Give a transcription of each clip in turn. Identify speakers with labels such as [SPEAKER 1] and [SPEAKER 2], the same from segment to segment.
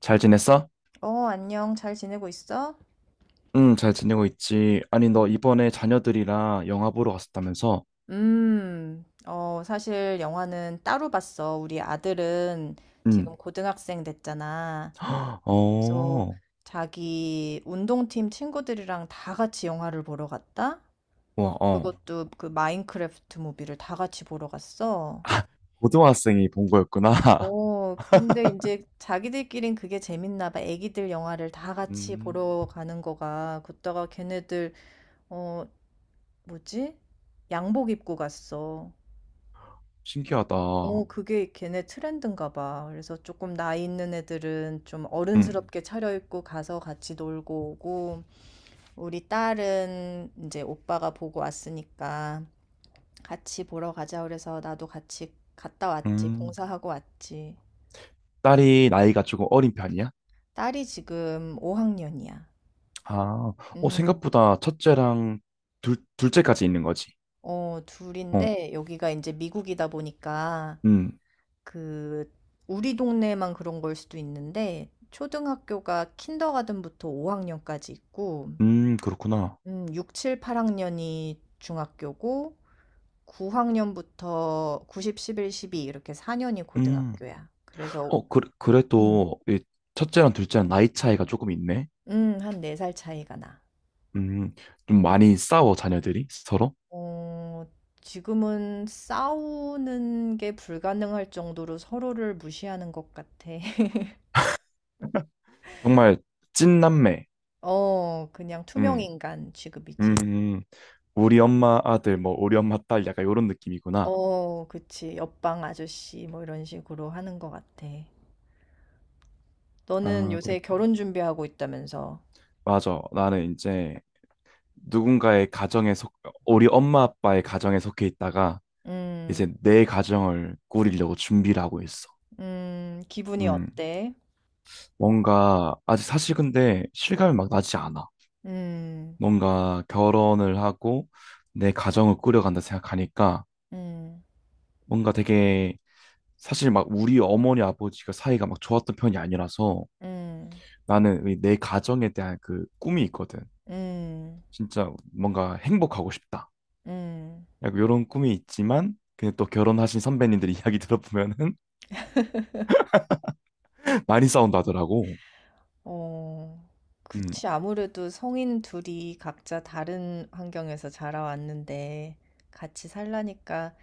[SPEAKER 1] 잘 지냈어?
[SPEAKER 2] 어, 안녕. 잘 지내고 있어?
[SPEAKER 1] 응, 잘 지내고 있지. 아니, 너 이번에 자녀들이랑 영화 보러 갔었다면서?
[SPEAKER 2] 사실 영화는 따로 봤어. 우리 아들은
[SPEAKER 1] 응.
[SPEAKER 2] 지금 고등학생 됐잖아. 그래서
[SPEAKER 1] 어,
[SPEAKER 2] 자기 운동팀 친구들이랑 다 같이 영화를 보러 갔다?
[SPEAKER 1] 와, 어.
[SPEAKER 2] 그것도 그 마인크래프트 무비를 다 같이 보러 갔어.
[SPEAKER 1] 아, 고등학생이 본 거였구나.
[SPEAKER 2] 근데 이제 자기들끼린 그게 재밌나 봐. 애기들 영화를 다 같이
[SPEAKER 1] 음,
[SPEAKER 2] 보러 가는 거가. 그다가 걔네들, 어, 뭐지? 양복 입고 갔어.
[SPEAKER 1] 신기하다.
[SPEAKER 2] 그게 걔네 트렌드인가 봐. 그래서 조금 나이 있는 애들은 좀
[SPEAKER 1] 응,
[SPEAKER 2] 어른스럽게 차려입고 가서 같이 놀고 오고. 우리 딸은 이제 오빠가 보고 왔으니까 "같이 보러 가자." 그래서 나도 같이 갔다 왔지.
[SPEAKER 1] 음.
[SPEAKER 2] 봉사하고 왔지.
[SPEAKER 1] 딸이 나이가 조금 어린 편이야?
[SPEAKER 2] 딸이 지금 5 학년이야.
[SPEAKER 1] 아, 어,
[SPEAKER 2] 음.
[SPEAKER 1] 생각보다 첫째랑 둘째까지 있는 거지.
[SPEAKER 2] 둘
[SPEAKER 1] 어,
[SPEAKER 2] 인데 여기가 이제 미국이다 보니까
[SPEAKER 1] 음,
[SPEAKER 2] 그 우리 동네만 그런 걸 수도 있는데 초등학교가 킨더가든 부터 5 학년까지 있고
[SPEAKER 1] 그렇구나.
[SPEAKER 2] 6-7-8 학년이 중학교고 9 학년부터 90-11-12 이렇게 4 년이
[SPEAKER 1] 음,
[SPEAKER 2] 고등학교야. 그래서
[SPEAKER 1] 어, 그,
[SPEAKER 2] 음.
[SPEAKER 1] 그래도 이 첫째랑 둘째랑 나이 차이가 조금 있네.
[SPEAKER 2] 한 4살 차이가 나.
[SPEAKER 1] 음, 좀 많이 싸워, 자녀들이 서로.
[SPEAKER 2] 어 지금은 싸우는 게 불가능할 정도로 서로를 무시하는 것 같아.
[SPEAKER 1] 정말 찐남매.
[SPEAKER 2] 그냥 투명
[SPEAKER 1] 음,
[SPEAKER 2] 인간
[SPEAKER 1] 음,
[SPEAKER 2] 취급이지.
[SPEAKER 1] 음. 우리 엄마 아들, 뭐, 우리 엄마 딸, 약간 이런 느낌이구나.
[SPEAKER 2] 그치. 옆방 아저씨 뭐 이런 식으로 하는 것 같아. 너는
[SPEAKER 1] 아,
[SPEAKER 2] 요새
[SPEAKER 1] 그렇구나.
[SPEAKER 2] 결혼 준비하고 있다면서.
[SPEAKER 1] 맞아. 나는 이제 누군가의 가정에 속, 우리 엄마 아빠의 가정에 속해 있다가 이제
[SPEAKER 2] 음.
[SPEAKER 1] 내 가정을 꾸리려고 준비를 하고 있어.
[SPEAKER 2] 기분이
[SPEAKER 1] 음,
[SPEAKER 2] 어때?
[SPEAKER 1] 뭔가, 아직 사실 근데 실감이 막 나지 않아.
[SPEAKER 2] 음,
[SPEAKER 1] 뭔가 결혼을 하고 내 가정을 꾸려간다 생각하니까
[SPEAKER 2] 음,
[SPEAKER 1] 뭔가 되게 사실 막 우리 어머니 아버지가 사이가 막 좋았던 편이 아니라서
[SPEAKER 2] 음,
[SPEAKER 1] 나는 이내 가정에 대한 그 꿈이 있거든.
[SPEAKER 2] 음,
[SPEAKER 1] 진짜 뭔가 행복하고 싶다.
[SPEAKER 2] 음.
[SPEAKER 1] 약간 이런 꿈이 있지만 근데 또 결혼하신 선배님들 이야기 들어보면은 많이 싸운다더라고.
[SPEAKER 2] 어,
[SPEAKER 1] 음.
[SPEAKER 2] 그치. 아무래도 성인 둘이 각자 다른 환경에서 자라왔는데 같이 살라니까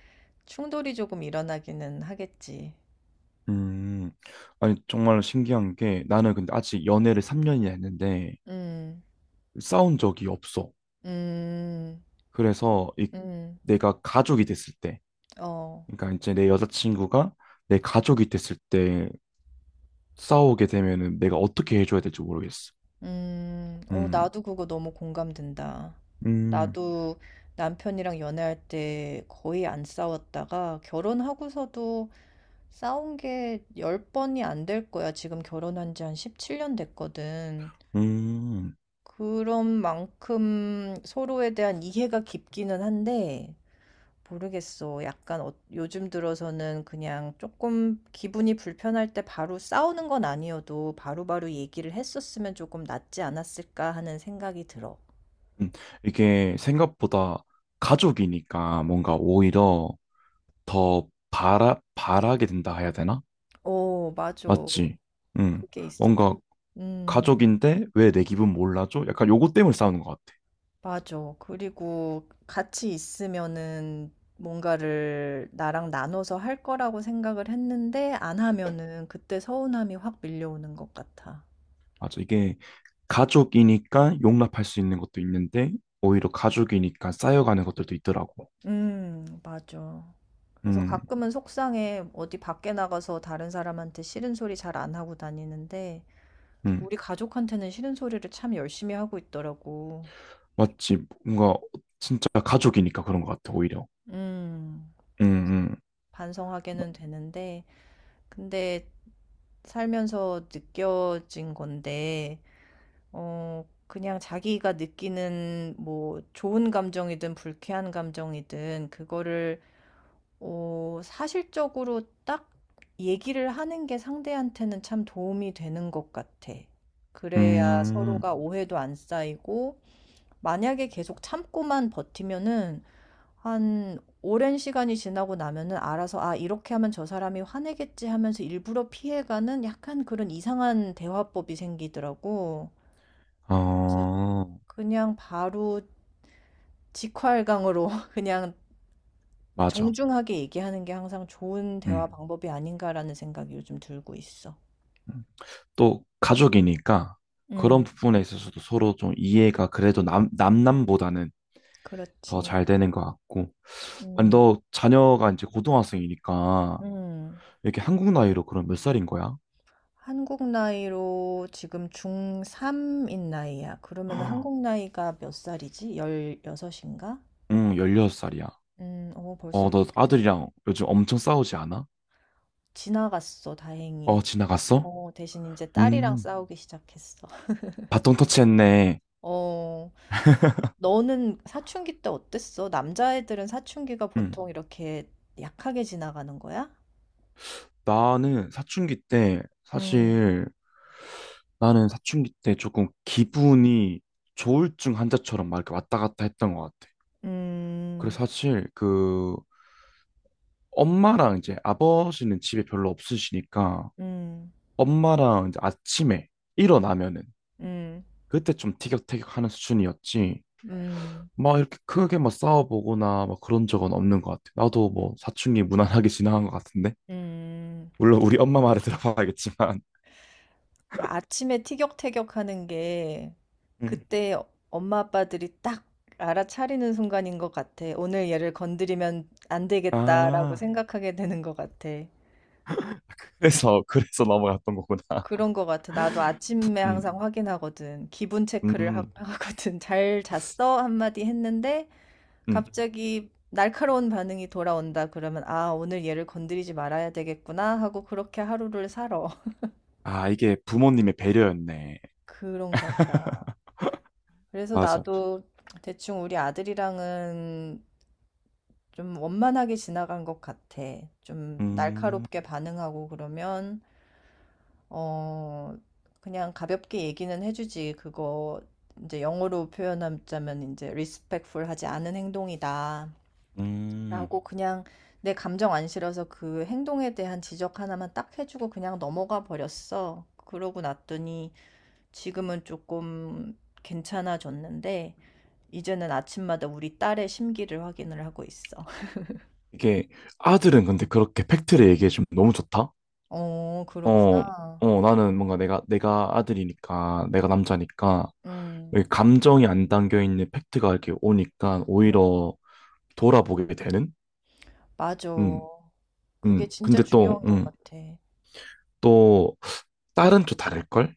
[SPEAKER 2] 충돌이 조금 일어나기는 하겠지.
[SPEAKER 1] 음. 아니 정말 신기한 게 나는 근데 아직 연애를 3년이나 했는데
[SPEAKER 2] 음,
[SPEAKER 1] 싸운 적이 없어.
[SPEAKER 2] 음,
[SPEAKER 1] 그래서 이
[SPEAKER 2] 음,
[SPEAKER 1] 내가 가족이 됐을 때
[SPEAKER 2] 어.
[SPEAKER 1] 그러니까 이제 내 여자친구가 내 가족이 됐을 때 싸우게 되면은 내가 어떻게 해줘야 될지 모르겠어. 음,
[SPEAKER 2] 나도 그거 너무 공감된다.
[SPEAKER 1] 음,
[SPEAKER 2] 나도 남편이랑 연애할 때 거의 안 싸웠다가 결혼하고서도 싸운 게 10번이 안 될 거야. 지금 결혼한 지 한 17년 됐거든.
[SPEAKER 1] 음,
[SPEAKER 2] 그런 만큼 서로에 대한 이해가 깊기는 한데, 모르겠어. 약간 요즘 들어서는 그냥 조금 기분이 불편할 때 바로 싸우는 건 아니어도 바로바로 얘기를 했었으면 조금 낫지 않았을까 하는 생각이 들어.
[SPEAKER 1] 음. 이게 생각보다 가족이니까 뭔가 오히려 더 바라게 된다 해야 되나?
[SPEAKER 2] 어, 맞아.
[SPEAKER 1] 맞지? 음,
[SPEAKER 2] 그게 있어.
[SPEAKER 1] 뭔가
[SPEAKER 2] 음,
[SPEAKER 1] 가족인데 왜 내 기분 몰라줘? 약간 요거 때문에 싸우는 것 같아.
[SPEAKER 2] 맞아. 그리고 같이 있으면은 뭔가를 나랑 나눠서 할 거라고 생각을 했는데 안 하면은 그때 서운함이 확 밀려오는 것 같아.
[SPEAKER 1] 맞아. 이게 가족이니까 용납할 수 있는 것도 있는데 오히려 가족이니까 쌓여가는 것들도 있더라고.
[SPEAKER 2] 맞아. 그래서
[SPEAKER 1] 음,
[SPEAKER 2] 가끔은 속상해. 어디 밖에 나가서 다른 사람한테 싫은 소리 잘 안 하고 다니는데,
[SPEAKER 1] 음.
[SPEAKER 2] 우리 가족한테는 싫은 소리를 참 열심히 하고 있더라고.
[SPEAKER 1] 맞지. 뭔가 진짜 가족이니까 그런 것 같아, 오히려.
[SPEAKER 2] 음,
[SPEAKER 1] 음,
[SPEAKER 2] 반성하게는 되는데, 근데 살면서 느껴진 건데, 그냥 자기가 느끼는 뭐 좋은 감정이든 불쾌한 감정이든 그거를 사실적으로 딱 얘기를 하는 게 상대한테는 참 도움이 되는 것 같아. 그래야
[SPEAKER 1] 음. 음,
[SPEAKER 2] 서로가 오해도 안 쌓이고, 만약에 계속 참고만 버티면은, 한 오랜 시간이 지나고 나면은 알아서, 아, 이렇게 하면 저 사람이 화내겠지 하면서 일부러 피해가는 약간 그런 이상한 대화법이 생기더라고. 그래서
[SPEAKER 1] 어,
[SPEAKER 2] 그냥 바로 직활강으로 그냥
[SPEAKER 1] 맞아.
[SPEAKER 2] 정중하게 얘기하는 게 항상 좋은 대화
[SPEAKER 1] 음.
[SPEAKER 2] 방법이 아닌가라는 생각이 요즘 들고 있어.
[SPEAKER 1] 음. 또 가족이니까 그런
[SPEAKER 2] 음,
[SPEAKER 1] 부분에 있어서도 서로 좀 이해가 그래도 남, 남남보다는 더
[SPEAKER 2] 그렇지.
[SPEAKER 1] 잘 되는 것 같고. 아니,
[SPEAKER 2] 음,
[SPEAKER 1] 너 자녀가 이제 고등학생이니까
[SPEAKER 2] 음.
[SPEAKER 1] 이렇게 한국 나이로 그럼 몇 살인 거야?
[SPEAKER 2] 한국 나이로 지금 중3인 나이야. 그러면 한국 나이가 몇 살이지? 16인가?
[SPEAKER 1] 응, 16살이야.
[SPEAKER 2] 벌써
[SPEAKER 1] 어, 너
[SPEAKER 2] 그렇게 됐-
[SPEAKER 1] 아들이랑 요즘 엄청 싸우지 않아?
[SPEAKER 2] 지나갔어, 다행히.
[SPEAKER 1] 어, 지나갔어?
[SPEAKER 2] 대신 이제 딸이랑
[SPEAKER 1] 음,
[SPEAKER 2] 싸우기 시작했어.
[SPEAKER 1] 바통 터치했네.
[SPEAKER 2] 어, 너는 사춘기 때 어땠어? 남자애들은 사춘기가
[SPEAKER 1] 응.
[SPEAKER 2] 보통 이렇게 약하게 지나가는 거야?
[SPEAKER 1] 나는 사춘기 때,
[SPEAKER 2] 음.
[SPEAKER 1] 사실, 나는 사춘기 때 조금 기분이 조울증 환자처럼 막 이렇게 왔다 갔다 했던 것 같아.
[SPEAKER 2] 음.
[SPEAKER 1] 그래서 사실, 그, 엄마랑 이제 아버지는 집에 별로 없으시니까,
[SPEAKER 2] 음.
[SPEAKER 1] 엄마랑 이제 아침에 일어나면은,
[SPEAKER 2] 음.
[SPEAKER 1] 그때 좀 티격태격 하는 수준이었지.
[SPEAKER 2] 음.
[SPEAKER 1] 막 이렇게 크게 막 싸워보거나 막 그런 적은 없는 것 같아. 나도 뭐 사춘기 무난하게 지나간 것 같은데.
[SPEAKER 2] 음.
[SPEAKER 1] 물론 우리 엄마 말에 들어봐야겠지만.
[SPEAKER 2] 그 아침에 티격태격하는 게
[SPEAKER 1] 음.
[SPEAKER 2] 그때 엄마 아빠들이 딱 알아차리는 순간인 것 같아. 오늘 얘를 건드리면 안 되겠다라고
[SPEAKER 1] 아,
[SPEAKER 2] 생각하게 되는 것 같아.
[SPEAKER 1] 그래서 넘어갔던 거구나.
[SPEAKER 2] 그런 것 같아. 나도 아침에
[SPEAKER 1] 음,
[SPEAKER 2] 항상 확인하거든. 기분 체크를
[SPEAKER 1] 음,
[SPEAKER 2] 하거든. 잘 잤어? 한마디 했는데
[SPEAKER 1] 음.
[SPEAKER 2] 갑자기 날카로운 반응이 돌아온다 그러면 아, 오늘 얘를 건드리지 말아야 되겠구나 하고 그렇게 하루를 살아.
[SPEAKER 1] 아, 이게 부모님의 배려였네.
[SPEAKER 2] 그런가 보다. 그래서
[SPEAKER 1] 맞아.
[SPEAKER 2] 나도 대충 우리 아들이랑은 좀 원만하게 지나간 것 같아. 좀
[SPEAKER 1] 음,
[SPEAKER 2] 날카롭게 반응하고 그러면, 어, 그냥 가볍게 얘기는 해주지. 그거 이제 영어로 표현하자면 이제 respectful 하지 않은 행동이다,
[SPEAKER 1] 음.
[SPEAKER 2] 라고 그냥 내 감정 안 실어서 그 행동에 대한 지적 하나만 딱 해주고 그냥 넘어가 버렸어. 그러고 났더니 지금은 조금 괜찮아졌는데, 이제는 아침마다 우리 딸의 심기를 확인을 하고 있어.
[SPEAKER 1] 이게 아들은 근데 그렇게 팩트를 얘기해주면 너무 좋다?
[SPEAKER 2] 어,
[SPEAKER 1] 어,
[SPEAKER 2] 그렇구나.
[SPEAKER 1] 어, 나는 뭔가 내가 아들이니까, 내가 남자니까,
[SPEAKER 2] 음,
[SPEAKER 1] 여기 감정이 안 담겨 있는 팩트가 이렇게 오니까
[SPEAKER 2] 음,
[SPEAKER 1] 오히려 돌아보게 되는?
[SPEAKER 2] 맞아.
[SPEAKER 1] 음,
[SPEAKER 2] 그게 진짜
[SPEAKER 1] 근데 또,
[SPEAKER 2] 중요한 것 같아.
[SPEAKER 1] 또, 딸은 또 다를걸?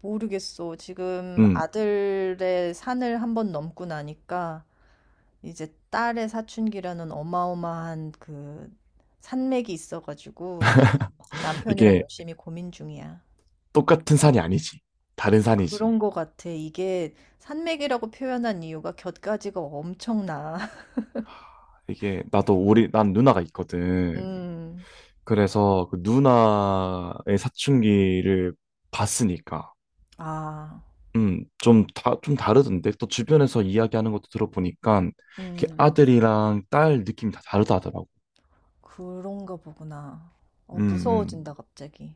[SPEAKER 2] 모르겠어. 지금
[SPEAKER 1] 음,
[SPEAKER 2] 아들의 산을 한번 넘고 나니까 이제 딸의 사춘기라는 어마어마한 그 산맥이 있어가지고 남편이랑
[SPEAKER 1] 이게
[SPEAKER 2] 열심히 고민 중이야.
[SPEAKER 1] 똑같은 산이 아니지. 다른 산이지.
[SPEAKER 2] 그런 것 같아. 이게 산맥이라고 표현한 이유가 곁가지가 엄청나.
[SPEAKER 1] 이게, 나도 우리, 난 누나가 있거든.
[SPEAKER 2] 음,
[SPEAKER 1] 그래서 그 누나의 사춘기를 봤으니까.
[SPEAKER 2] 아.
[SPEAKER 1] 좀 다르던데. 또 주변에서 이야기하는 것도 들어보니까, 이렇게
[SPEAKER 2] 음,
[SPEAKER 1] 아들이랑 딸 느낌이 다 다르다 하더라고.
[SPEAKER 2] 그런가 보구나.
[SPEAKER 1] 음, 음.
[SPEAKER 2] 무서워진다, 갑자기.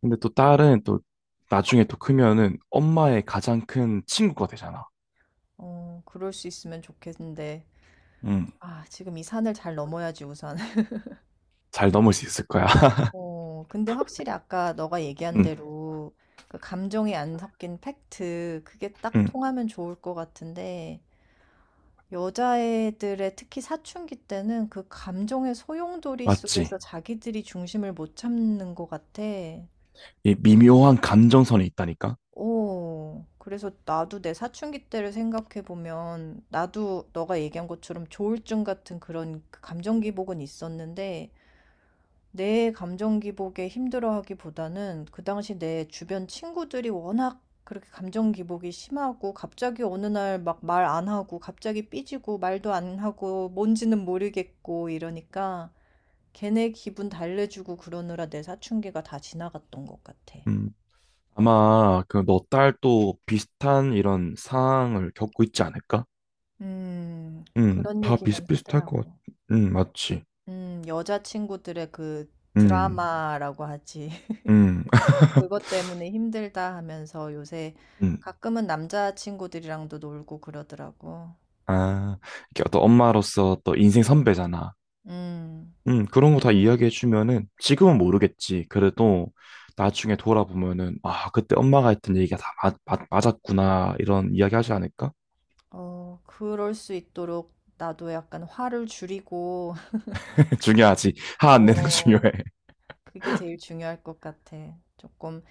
[SPEAKER 1] 근데 또 딸은 또 나중에 또 크면은 엄마의 가장 큰 친구가 되잖아.
[SPEAKER 2] 그럴 수 있으면 좋겠는데.
[SPEAKER 1] 음,
[SPEAKER 2] 아, 지금 이 산을 잘 넘어야지, 우선.
[SPEAKER 1] 잘 넘을 수 있을 거야.
[SPEAKER 2] 근데 확실히 아까 너가 얘기한
[SPEAKER 1] 음,
[SPEAKER 2] 대로 그 감정이 안 섞인 팩트, 그게 딱
[SPEAKER 1] 음,
[SPEAKER 2] 통하면 좋을 것 같은데, 여자애들의 특히 사춘기 때는 그 감정의 소용돌이 속에서
[SPEAKER 1] 맞지.
[SPEAKER 2] 자기들이 중심을 못 잡는 것 같아.
[SPEAKER 1] 이 미묘한 감정선이 있다니까.
[SPEAKER 2] 오, 그래서 나도 내 사춘기 때를 생각해보면, 나도 너가 얘기한 것처럼 조울증 같은 그런 그 감정 기복은 있었는데, 내 감정 기복에 힘들어하기보다는 그 당시 내 주변 친구들이 워낙 그렇게 감정 기복이 심하고, 갑자기 어느 날 막 말 안 하고, 갑자기 삐지고, 말도 안 하고, 뭔지는 모르겠고, 이러니까, 걔네 기분 달래주고 그러느라 내 사춘기가 다 지나갔던 것 같아.
[SPEAKER 1] 음, 아마 그 너 딸 또 비슷한 이런 상황을 겪고 있지 않을까?
[SPEAKER 2] 그런
[SPEAKER 1] 다
[SPEAKER 2] 얘기는
[SPEAKER 1] 비슷비슷할 것 같,
[SPEAKER 2] 하더라고.
[SPEAKER 1] 맞지.
[SPEAKER 2] 여자친구들의 그
[SPEAKER 1] 음,
[SPEAKER 2] 드라마라고 하지.
[SPEAKER 1] 음.
[SPEAKER 2] 그것 때문에 힘들다 하면서 요새
[SPEAKER 1] 음.
[SPEAKER 2] 가끔은 남자친구들이랑도 놀고 그러더라고.
[SPEAKER 1] 아, 이렇게 어떤 엄마로서 또 인생 선배잖아.
[SPEAKER 2] 음.
[SPEAKER 1] 그런 거 다 이야기해주면은 지금은 모르겠지. 그래도 나중에 돌아보면은, 아, 그때 엄마가 했던 얘기가 다 맞았구나. 이런 이야기 하지 않을까?
[SPEAKER 2] 그럴 수 있도록 나도 약간 화를 줄이고.
[SPEAKER 1] 중요하지. 화 안 내는 거
[SPEAKER 2] 어
[SPEAKER 1] 중요해.
[SPEAKER 2] 그게 제일 중요할 것 같아. 조금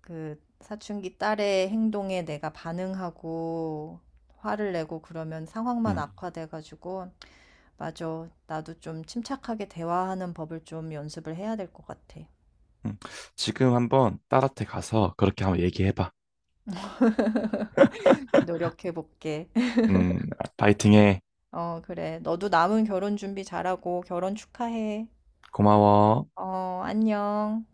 [SPEAKER 2] 그 사춘기 딸의 행동에 내가 반응하고 화를 내고 그러면 상황만
[SPEAKER 1] 음,
[SPEAKER 2] 악화돼 가지고 맞아. 나도 좀 침착하게 대화하는 법을 좀 연습을 해야 될 것 같아.
[SPEAKER 1] 음. 지금 한번 딸한테 가서 그렇게 한번 얘기해봐.
[SPEAKER 2] 노력해 볼게.
[SPEAKER 1] 음, 파이팅해.
[SPEAKER 2] 그래. 너도 남은 결혼 준비 잘하고 결혼 축하해.
[SPEAKER 1] 고마워.
[SPEAKER 2] 안녕.